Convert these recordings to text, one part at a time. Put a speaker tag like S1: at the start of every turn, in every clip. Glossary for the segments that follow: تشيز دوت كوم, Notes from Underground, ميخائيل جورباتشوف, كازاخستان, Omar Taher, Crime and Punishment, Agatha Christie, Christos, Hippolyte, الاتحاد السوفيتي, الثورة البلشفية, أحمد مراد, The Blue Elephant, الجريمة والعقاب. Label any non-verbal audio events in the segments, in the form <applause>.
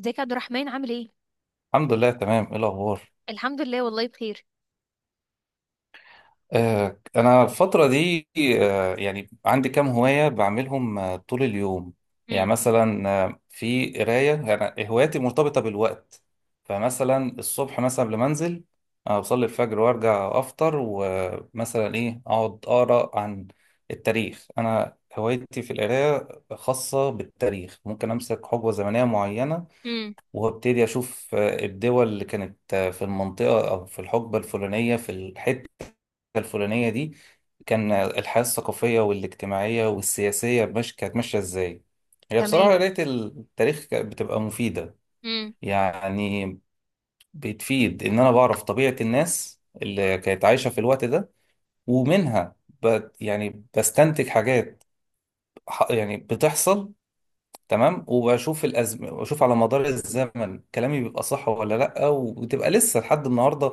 S1: ازيك يا عبد الرحمن عامل ايه؟
S2: الحمد لله. تمام، ايه الاخبار؟
S1: الحمد لله والله بخير.
S2: انا الفتره دي، يعني عندي كام هوايه بعملهم طول اليوم. يعني
S1: امم
S2: مثلا في قرايه. يعني هواياتي مرتبطه بالوقت. فمثلا الصبح مثلا قبل ما انزل، بصلي الفجر وارجع افطر، ومثلا ايه، اقعد اقرا عن التاريخ. انا هوايتي في القرايه خاصه بالتاريخ. ممكن امسك حقبه زمنيه معينه
S1: امم
S2: وابتدي اشوف الدول اللي كانت في المنطقة او في الحقبة الفلانية في الحتة الفلانية دي، كان الحياة الثقافية والاجتماعية والسياسية مش كانت ماشية ازاي. هي بصراحة
S1: تمام.
S2: قراية التاريخ كانت بتبقى مفيدة.
S1: امم
S2: يعني بتفيد ان انا بعرف طبيعة الناس اللي كانت عايشة في الوقت ده، ومنها يعني بستنتج حاجات يعني بتحصل. تمام، وبشوف واشوف على مدار الزمن كلامي بيبقى صح ولا لا، وتبقى لسه لحد النهارده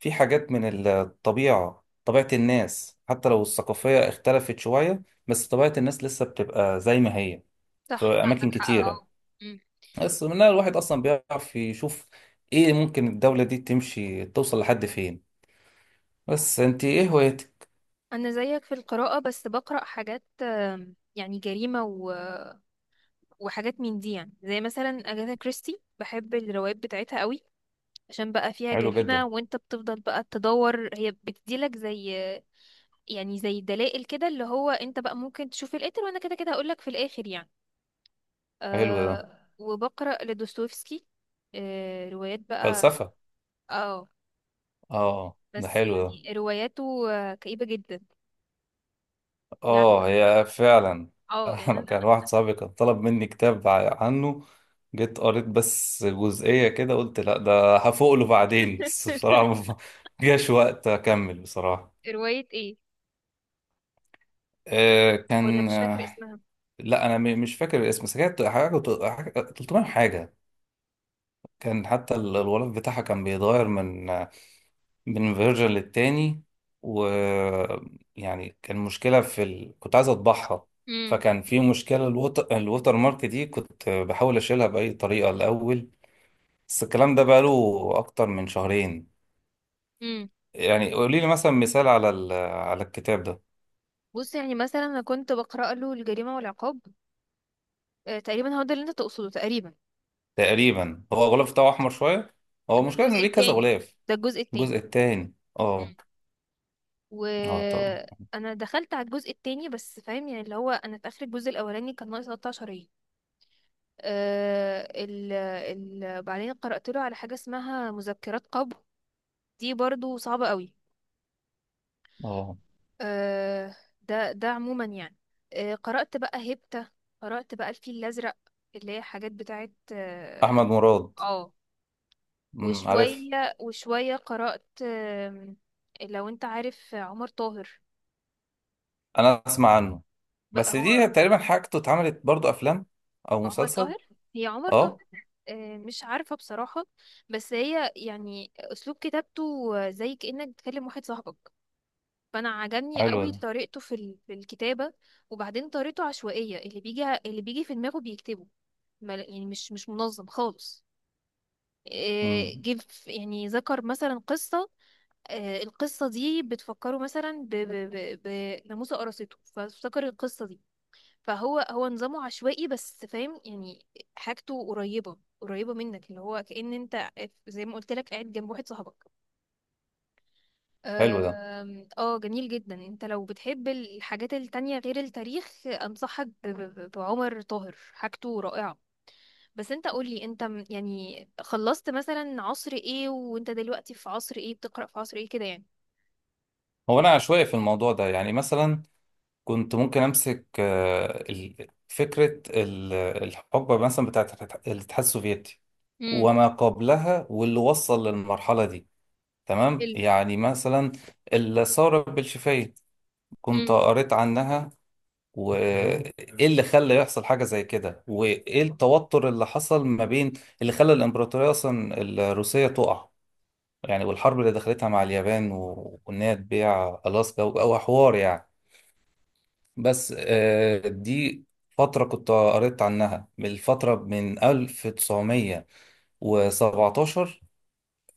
S2: في حاجات من الطبيعه، طبيعه الناس، حتى لو الثقافيه اختلفت شويه، بس طبيعه الناس لسه بتبقى زي ما هي في
S1: صح عندك
S2: اماكن
S1: حق،
S2: كتيره.
S1: اه. امم
S2: بس منها الواحد اصلا بيعرف يشوف ايه ممكن الدوله دي تمشي توصل لحد فين. بس انت ايه هوايتك؟
S1: انا زيك في القراءة، بس بقرأ حاجات يعني جريمة وحاجات من دي، يعني زي مثلا اجاثا كريستي، بحب الروايات بتاعتها قوي عشان بقى فيها
S2: حلو
S1: جريمة
S2: جدا.
S1: وانت بتفضل بقى تدور، هي بتديلك زي يعني زي دلائل كده اللي هو انت بقى ممكن تشوف القاتل، وانا كده كده هقولك في الاخر يعني.
S2: حلو ده.
S1: أه، وبقرأ لدوستويفسكي، أه روايات بقى،
S2: فلسفه.
S1: اه.
S2: اه، ده
S1: بس
S2: حلو ده.
S1: يعني رواياته كئيبة جدا. يعني
S2: اه،
S1: أنا-
S2: هي فعلا.
S1: اه
S2: <laughs>
S1: يعني
S2: انا
S1: انا.
S2: كان واحد صاحبي كان طلب مني كتاب عنه. جيت قريت بس جزئية كده، قلت لا، ده هفوق له بعدين. <laughs> بس بصراحة ما جاش وقت اكمل بصراحة.
S1: رواية ايه؟
S2: آه
S1: ولا
S2: كان
S1: مش فاكرة
S2: آه
S1: اسمها.
S2: لا، انا مش فاكر الاسم، بس كانت حاجة 300 حاجة. كان حتى الغلاف بتاعها كان بيتغير من فيرجن للتاني. و، يعني كان مشكلة في كنت عايز اطبعها،
S1: امم
S2: فكان في مشكلة الوتر مارك دي، كنت بحاول اشيلها بأي طريقة الأول. بس الكلام ده بقاله أكتر من شهرين.
S1: امم
S2: يعني قولي لي مثلا مثال على على الكتاب ده.
S1: بص يعني مثلا انا كنت بقرأ له الجريمة والعقاب. تقريبا هو ده اللي انت تقصده، تقريبا. آه،
S2: تقريبا هو الغلاف بتاعه أحمر شوية. هو
S1: ده
S2: المشكلة إنه
S1: الجزء
S2: ليه كذا
S1: التاني،
S2: غلاف؟
S1: ده الجزء التاني.
S2: الجزء التاني. اه.
S1: مم.
S2: اه طبعا.
S1: وانا دخلت على الجزء التاني، بس فاهم يعني اللي هو انا في اخر الجزء الاولاني كان ناقص 13 ايه. آه، ال ال بعدين قرأت له على حاجة اسمها مذكرات قبو، دي برضو صعبة قوي.
S2: اه.
S1: آه، ده ده عموما يعني. قرأت بقى هيبتا، قرأت بقى الفيل الأزرق، اللي هي حاجات بتاعت
S2: أحمد
S1: اه.
S2: مراد.
S1: آه.
S2: عارف.
S1: وشوية وشوية قرأت، لو انت عارف عمر طاهر.
S2: أنا أسمع عنه. بس
S1: هو
S2: دي تقريبا حاجته اتعملت برضو افلام او
S1: عمر
S2: مسلسل.
S1: طاهر، هي عمر طاهر.
S2: اه،
S1: مش عارفة بصراحة. بس هي يعني أسلوب كتابته زي كأنك بتكلم واحد صاحبك، فأنا عجبني
S2: حلو
S1: قوي
S2: ده.
S1: طريقته في الكتابة. وبعدين طريقته عشوائية، اللي بيجي اللي بيجي في دماغه بيكتبه. يعني مش منظم خالص.
S2: امم
S1: يعني ذكر مثلا قصة. القصة دي بتفكره مثلا بناموسة قرصته، فافتكر القصة دي. فهو هو نظامه عشوائي، بس فاهم يعني. حاجته قريبة منك، اللي هو كأن انت زي ما قلت لك قاعد جنب واحد صاحبك.
S2: حلو ده.
S1: اه جميل جدا. انت لو بتحب الحاجات التانية غير التاريخ، انصحك بعمر طاهر، حاجته رائعة. بس انت قولي، انت يعني خلصت مثلا عصر ايه، وانت دلوقتي في عصر ايه، بتقرأ في عصر ايه كده يعني؟
S2: هو انا عشوائي في الموضوع ده. يعني مثلا كنت ممكن امسك فكره الحقبه مثلا بتاعت الاتحاد السوفيتي
S1: امم
S2: وما قبلها واللي وصل للمرحله دي. تمام،
S1: حلو.
S2: يعني مثلا الثوره البلشفيه، كنت
S1: امم
S2: قريت عنها. وايه تمام اللي خلى يحصل حاجة زي كده، وايه التوتر اللي حصل ما بين اللي خلى الامبراطورية اصلا الروسية تقع، يعني والحرب اللي دخلتها مع اليابان وان هي تبيع الاسكا او حوار يعني. بس دي فترة كنت قريت عنها، من الفترة من 1917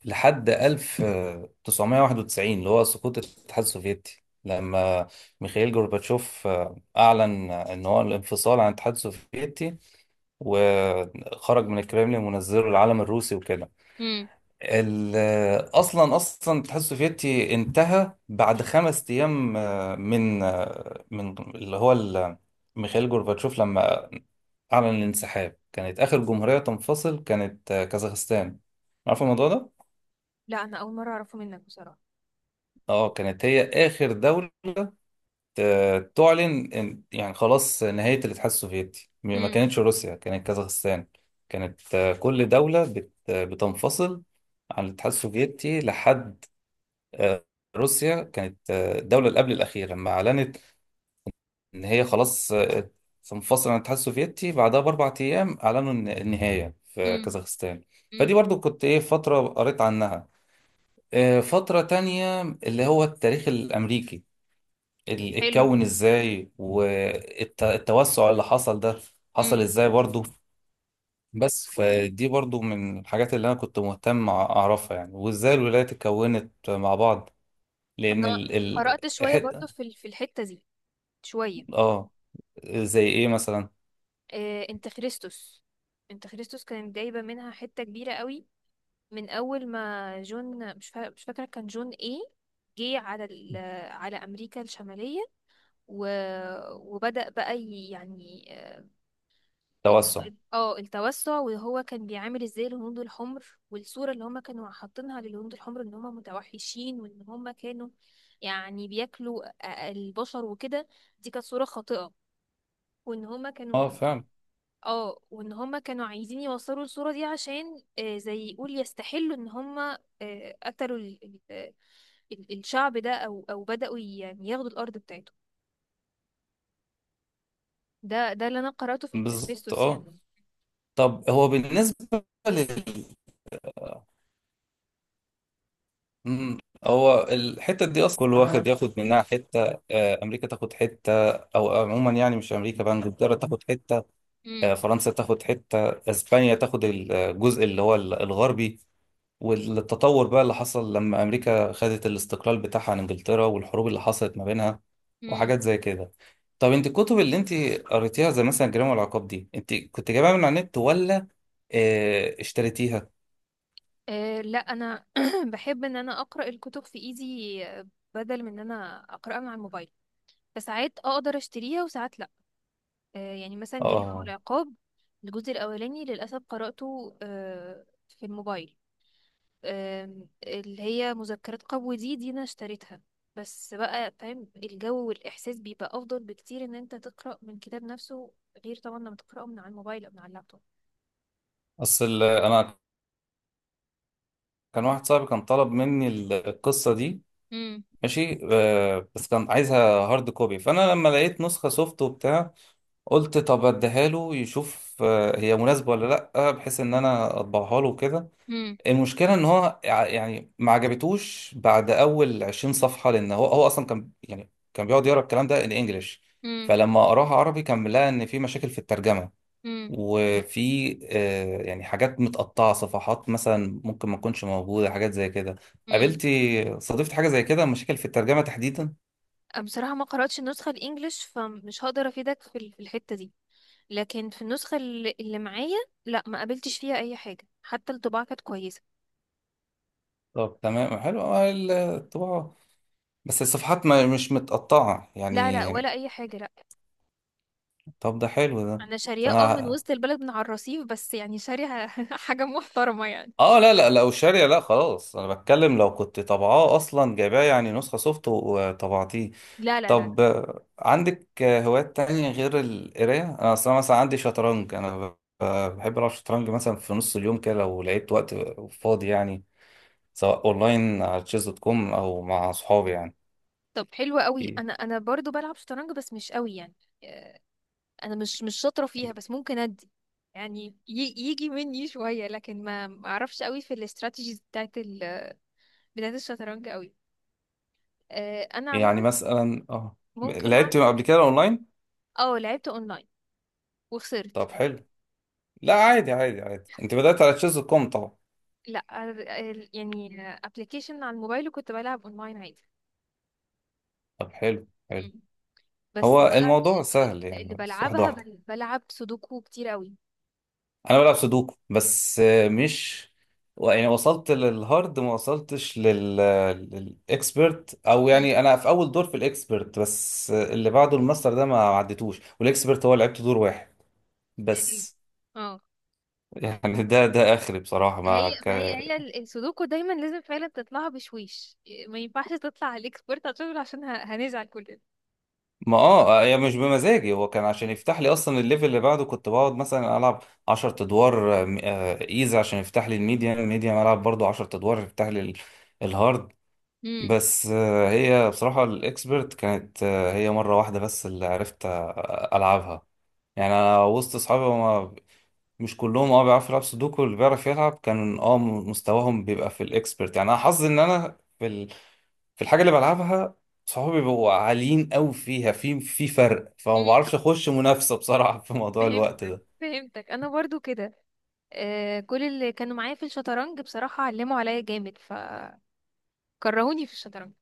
S2: لحد 1991 اللي هو سقوط الاتحاد السوفيتي، لما ميخائيل جورباتشوف أعلن إن هو الانفصال عن الاتحاد السوفيتي، وخرج من الكرملين منزله العلم الروسي وكده.
S1: امم
S2: ال- أصلا أصلا الاتحاد السوفيتي انتهى بعد 5 أيام من اللي هو ميخائيل جورباتشوف لما أعلن الانسحاب. كانت آخر جمهورية تنفصل كانت كازاخستان. عارف الموضوع ده؟
S1: لا انا اول مرة اعرفه منك بصراحة.
S2: اه، كانت هي اخر دولة تعلن يعني خلاص نهاية الاتحاد السوفيتي، ما
S1: امم
S2: كانتش روسيا، كانت كازاخستان. كانت كل دولة بتنفصل عن الاتحاد السوفيتي لحد آه، روسيا. كانت الدولة اللي قبل الأخيرة لما أعلنت إن هي خلاص تنفصل عن الاتحاد السوفيتي. بعدها بأربع أيام أعلنوا النهاية في
S1: امم
S2: كازاخستان. فدي
S1: امم
S2: برضو كنت إيه، فترة قريت عنها. فترة تانية، اللي هو التاريخ الأمريكي،
S1: حلو.
S2: اتكون ازاي، والتوسع اللي حصل ده حصل
S1: امم
S2: ازاي برضو. بس فدي برضو من الحاجات اللي انا كنت مهتم اعرفها، يعني وازاي الولايات اتكونت مع بعض، لان
S1: انا
S2: ال
S1: قرأت شوية برضو
S2: حتة.
S1: في الحتة دي. شوية.
S2: اه، زي ايه مثلا؟
S1: انت خريستوس، انت خريستوس كانت جايبة منها حتة كبيرة قوي، من اول ما جون مش فاكرة كان جون ايه، جه على ال... على امريكا الشمالية، و... وبدأ بقى يعني ال-
S2: توسع.
S1: اه التوسع. وهو كان بيعامل ازاي الهنود الحمر؟ والصورة اللي هم كانوا حاطينها للهنود الحمر، ان هم متوحشين، وان هم كانوا يعني بياكلوا البشر وكده. دي كانت صورة خاطئة. وان هم كانوا،
S2: اه فاهم.
S1: اه، وان هم كانوا عايزين يوصلوا الصورة دي عشان زي يقول يستحلوا ان هم قتلوا الشعب ده، او او بدأوا يعني ياخدوا الارض بتاعته. ده ده اللي انا قرأته في
S2: بالظبط
S1: انترفيستوس
S2: اه.
S1: يعني.
S2: طب هو بالنسبة لل، آه، مم. هو الحتة دي أصلا كل واحد ياخد منها حتة. أمريكا تاخد حتة، أو عموما يعني مش أمريكا، بقى إنجلترا تاخد حتة،
S1: امم
S2: فرنسا تاخد حتة، اسبانيا تاخد الجزء اللي هو الغربي. والتطور بقى اللي حصل لما امريكا خدت الاستقلال بتاعها عن انجلترا، والحروب اللي حصلت ما بينها،
S1: امم
S2: وحاجات زي كده. طب انت الكتب اللي انت قريتيها، زي مثلا الجريمة والعقاب دي، انت كنت جايبها من على النت، ولا اشتريتيها؟
S1: لا انا <clears throat> بحب ان انا اقرا الكتب في ايدي، بدل من ان انا اقراها مع الموبايل. فساعات اقدر اشتريها وساعات لا. يعني
S2: اه
S1: مثلا
S2: آه،
S1: جريمه
S2: آه.
S1: والعقاب، الجزء الاولاني للاسف قراته في الموبايل. اللي هي مذكرات قبو، دي انا اشتريتها. بس بقى فاهم، الجو والاحساس بيبقى افضل بكتير ان انت تقرا من كتاب نفسه، غير طبعا لما تقراه من على الموبايل او من على اللابتوب.
S2: اصل انا كان واحد صاحبي كان طلب مني القصة دي.
S1: امم
S2: ماشي بس كان عايزها هارد كوبي. فانا لما لقيت نسخة سوفت وبتاع، قلت طب اديها له يشوف هي مناسبه ولا لا، بحيث ان انا اطبعها له كده. المشكله ان هو يعني ما عجبتوش بعد اول 20 صفحه، لان هو اصلا كان، يعني كان بيقعد يقرا الكلام ده الانجليش.
S1: امم
S2: فلما قراها عربي كان لقى ان في مشاكل في الترجمه، وفي يعني حاجات متقطعه، صفحات مثلا ممكن ما تكونش موجوده، حاجات زي كده.
S1: امم
S2: قابلتي، صادفت حاجه زي كده، مشاكل في الترجمه تحديدا؟
S1: بصراحة ما قرأتش النسخة الإنجليش، فمش هقدر أفيدك في الحتة دي. لكن في النسخة اللي معايا، لا ما قابلتش فيها أي حاجة، حتى الطباعة كانت كويسة.
S2: طب تمام، حلو الطباعه، بس الصفحات ما مش متقطعة
S1: لا لا،
S2: يعني.
S1: ولا أي حاجة، لا.
S2: طب ده حلو ده.
S1: أنا شارية،
S2: عشان
S1: اه، من
S2: أنا.
S1: وسط البلد من على الرصيف، بس يعني شارية <laughs> حاجة محترمة يعني.
S2: اه، لا لا، لو شارية لا، خلاص، انا بتكلم لو كنت طبعاه اصلا جايباه، يعني نسخة سوفت وطبعتيه.
S1: لا لا لا.
S2: طب عندك هوايات تانية غير القراية؟ انا اصلا مثلا عندي شطرنج، انا بحب العب شطرنج مثلا في نص اليوم كده لو لقيت وقت فاضي يعني، سواء اونلاين على تشيز دوت كوم او مع صحابي يعني.
S1: طب حلوة قوي. أنا برضو بلعب شطرنج، بس مش قوي يعني. آه، أنا مش شاطرة فيها، بس ممكن أدي يعني يجي مني شوية، لكن ما أعرفش قوي في الاستراتيجيز بتاعت الشطرنج قوي. انا
S2: يعني
S1: عموما
S2: مثلا اه،
S1: ممكن
S2: لعبت قبل كده اونلاين.
S1: اه لعبت اونلاين
S2: طب
S1: وخسرت.
S2: حلو. لا عادي عادي عادي، انت بدأت على تشيز كوم طبعا.
S1: لا، يعني ابلكيشن على الموبايل، وكنت بلعب اونلاين عادي.
S2: طب حلو حلو.
S1: مم. بس
S2: هو
S1: بقى
S2: الموضوع سهل
S1: اللي
S2: يعني، بس واحدة
S1: بلعبها،
S2: واحدة.
S1: بلعب سودوكو كتير قوي.
S2: انا بلعب سودوكو، بس مش يعني وصلت للهارد، ما وصلتش للاكسبرت، او
S1: مم.
S2: يعني انا في اول دور في الاكسبرت، بس اللي بعده الماستر ده ما عدتوش، والاكسبرت هو لعبت دور واحد بس.
S1: اه،
S2: <laughs> يعني ده اخري بصراحة
S1: هي
S2: ما،
S1: ما هي هي ال- السودوكو دايما لازم فعلا تطلعها بشويش، ما ينفعش تطلع على الاكسبرت عشان عشان هنزعل كلنا.
S2: ما اه هي مش بمزاجي. هو كان عشان يفتح لي اصلا الليفل اللي بعده، كنت بقعد مثلا العب 10 ادوار ايزي عشان يفتح لي الميديم، العب برضو 10 ادوار يفتح لي الهارد.
S1: مم.
S2: بس هي بصراحة الاكسبرت كانت هي مرة واحدة بس اللي عرفت العبها. يعني انا وسط اصحابي هما مش كلهم اه بيعرفوا يلعبوا سودوكو، اللي بيعرف يلعب كان اه مستواهم بيبقى في الاكسبرت. يعني انا حظي ان انا في الحاجه اللي بلعبها صحابي بيبقوا عاليين قوي فيها، في فرق، فما
S1: مم.
S2: بعرفش اخش منافسه بصراحه في موضوع الوقت
S1: فهمتك
S2: ده.
S1: فهمتك انا برضو كده. آه، كل اللي كانوا معايا في الشطرنج بصراحة علموا عليا جامد، فكرهوني في الشطرنج.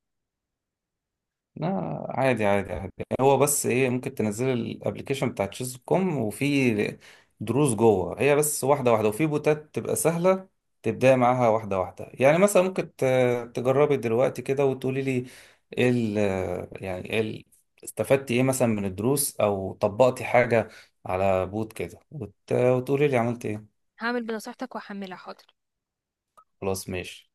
S2: لا عادي عادي عادي. هو بس ايه، ممكن تنزل الابلكيشن بتاع تشيز كوم، وفي دروس جوه، هي بس واحده واحده. وفي بوتات تبقى سهله تبداي معاها واحده واحده. يعني مثلا ممكن تجربي دلوقتي كده وتقولي لي ايه ال، يعني ايه استفدتي ايه مثلا من الدروس، او طبقتي حاجه على بوت كده، وتقولي لي عملت ايه.
S1: هعمل بنصيحتك وهحملها، حاضر.
S2: خلاص ماشي.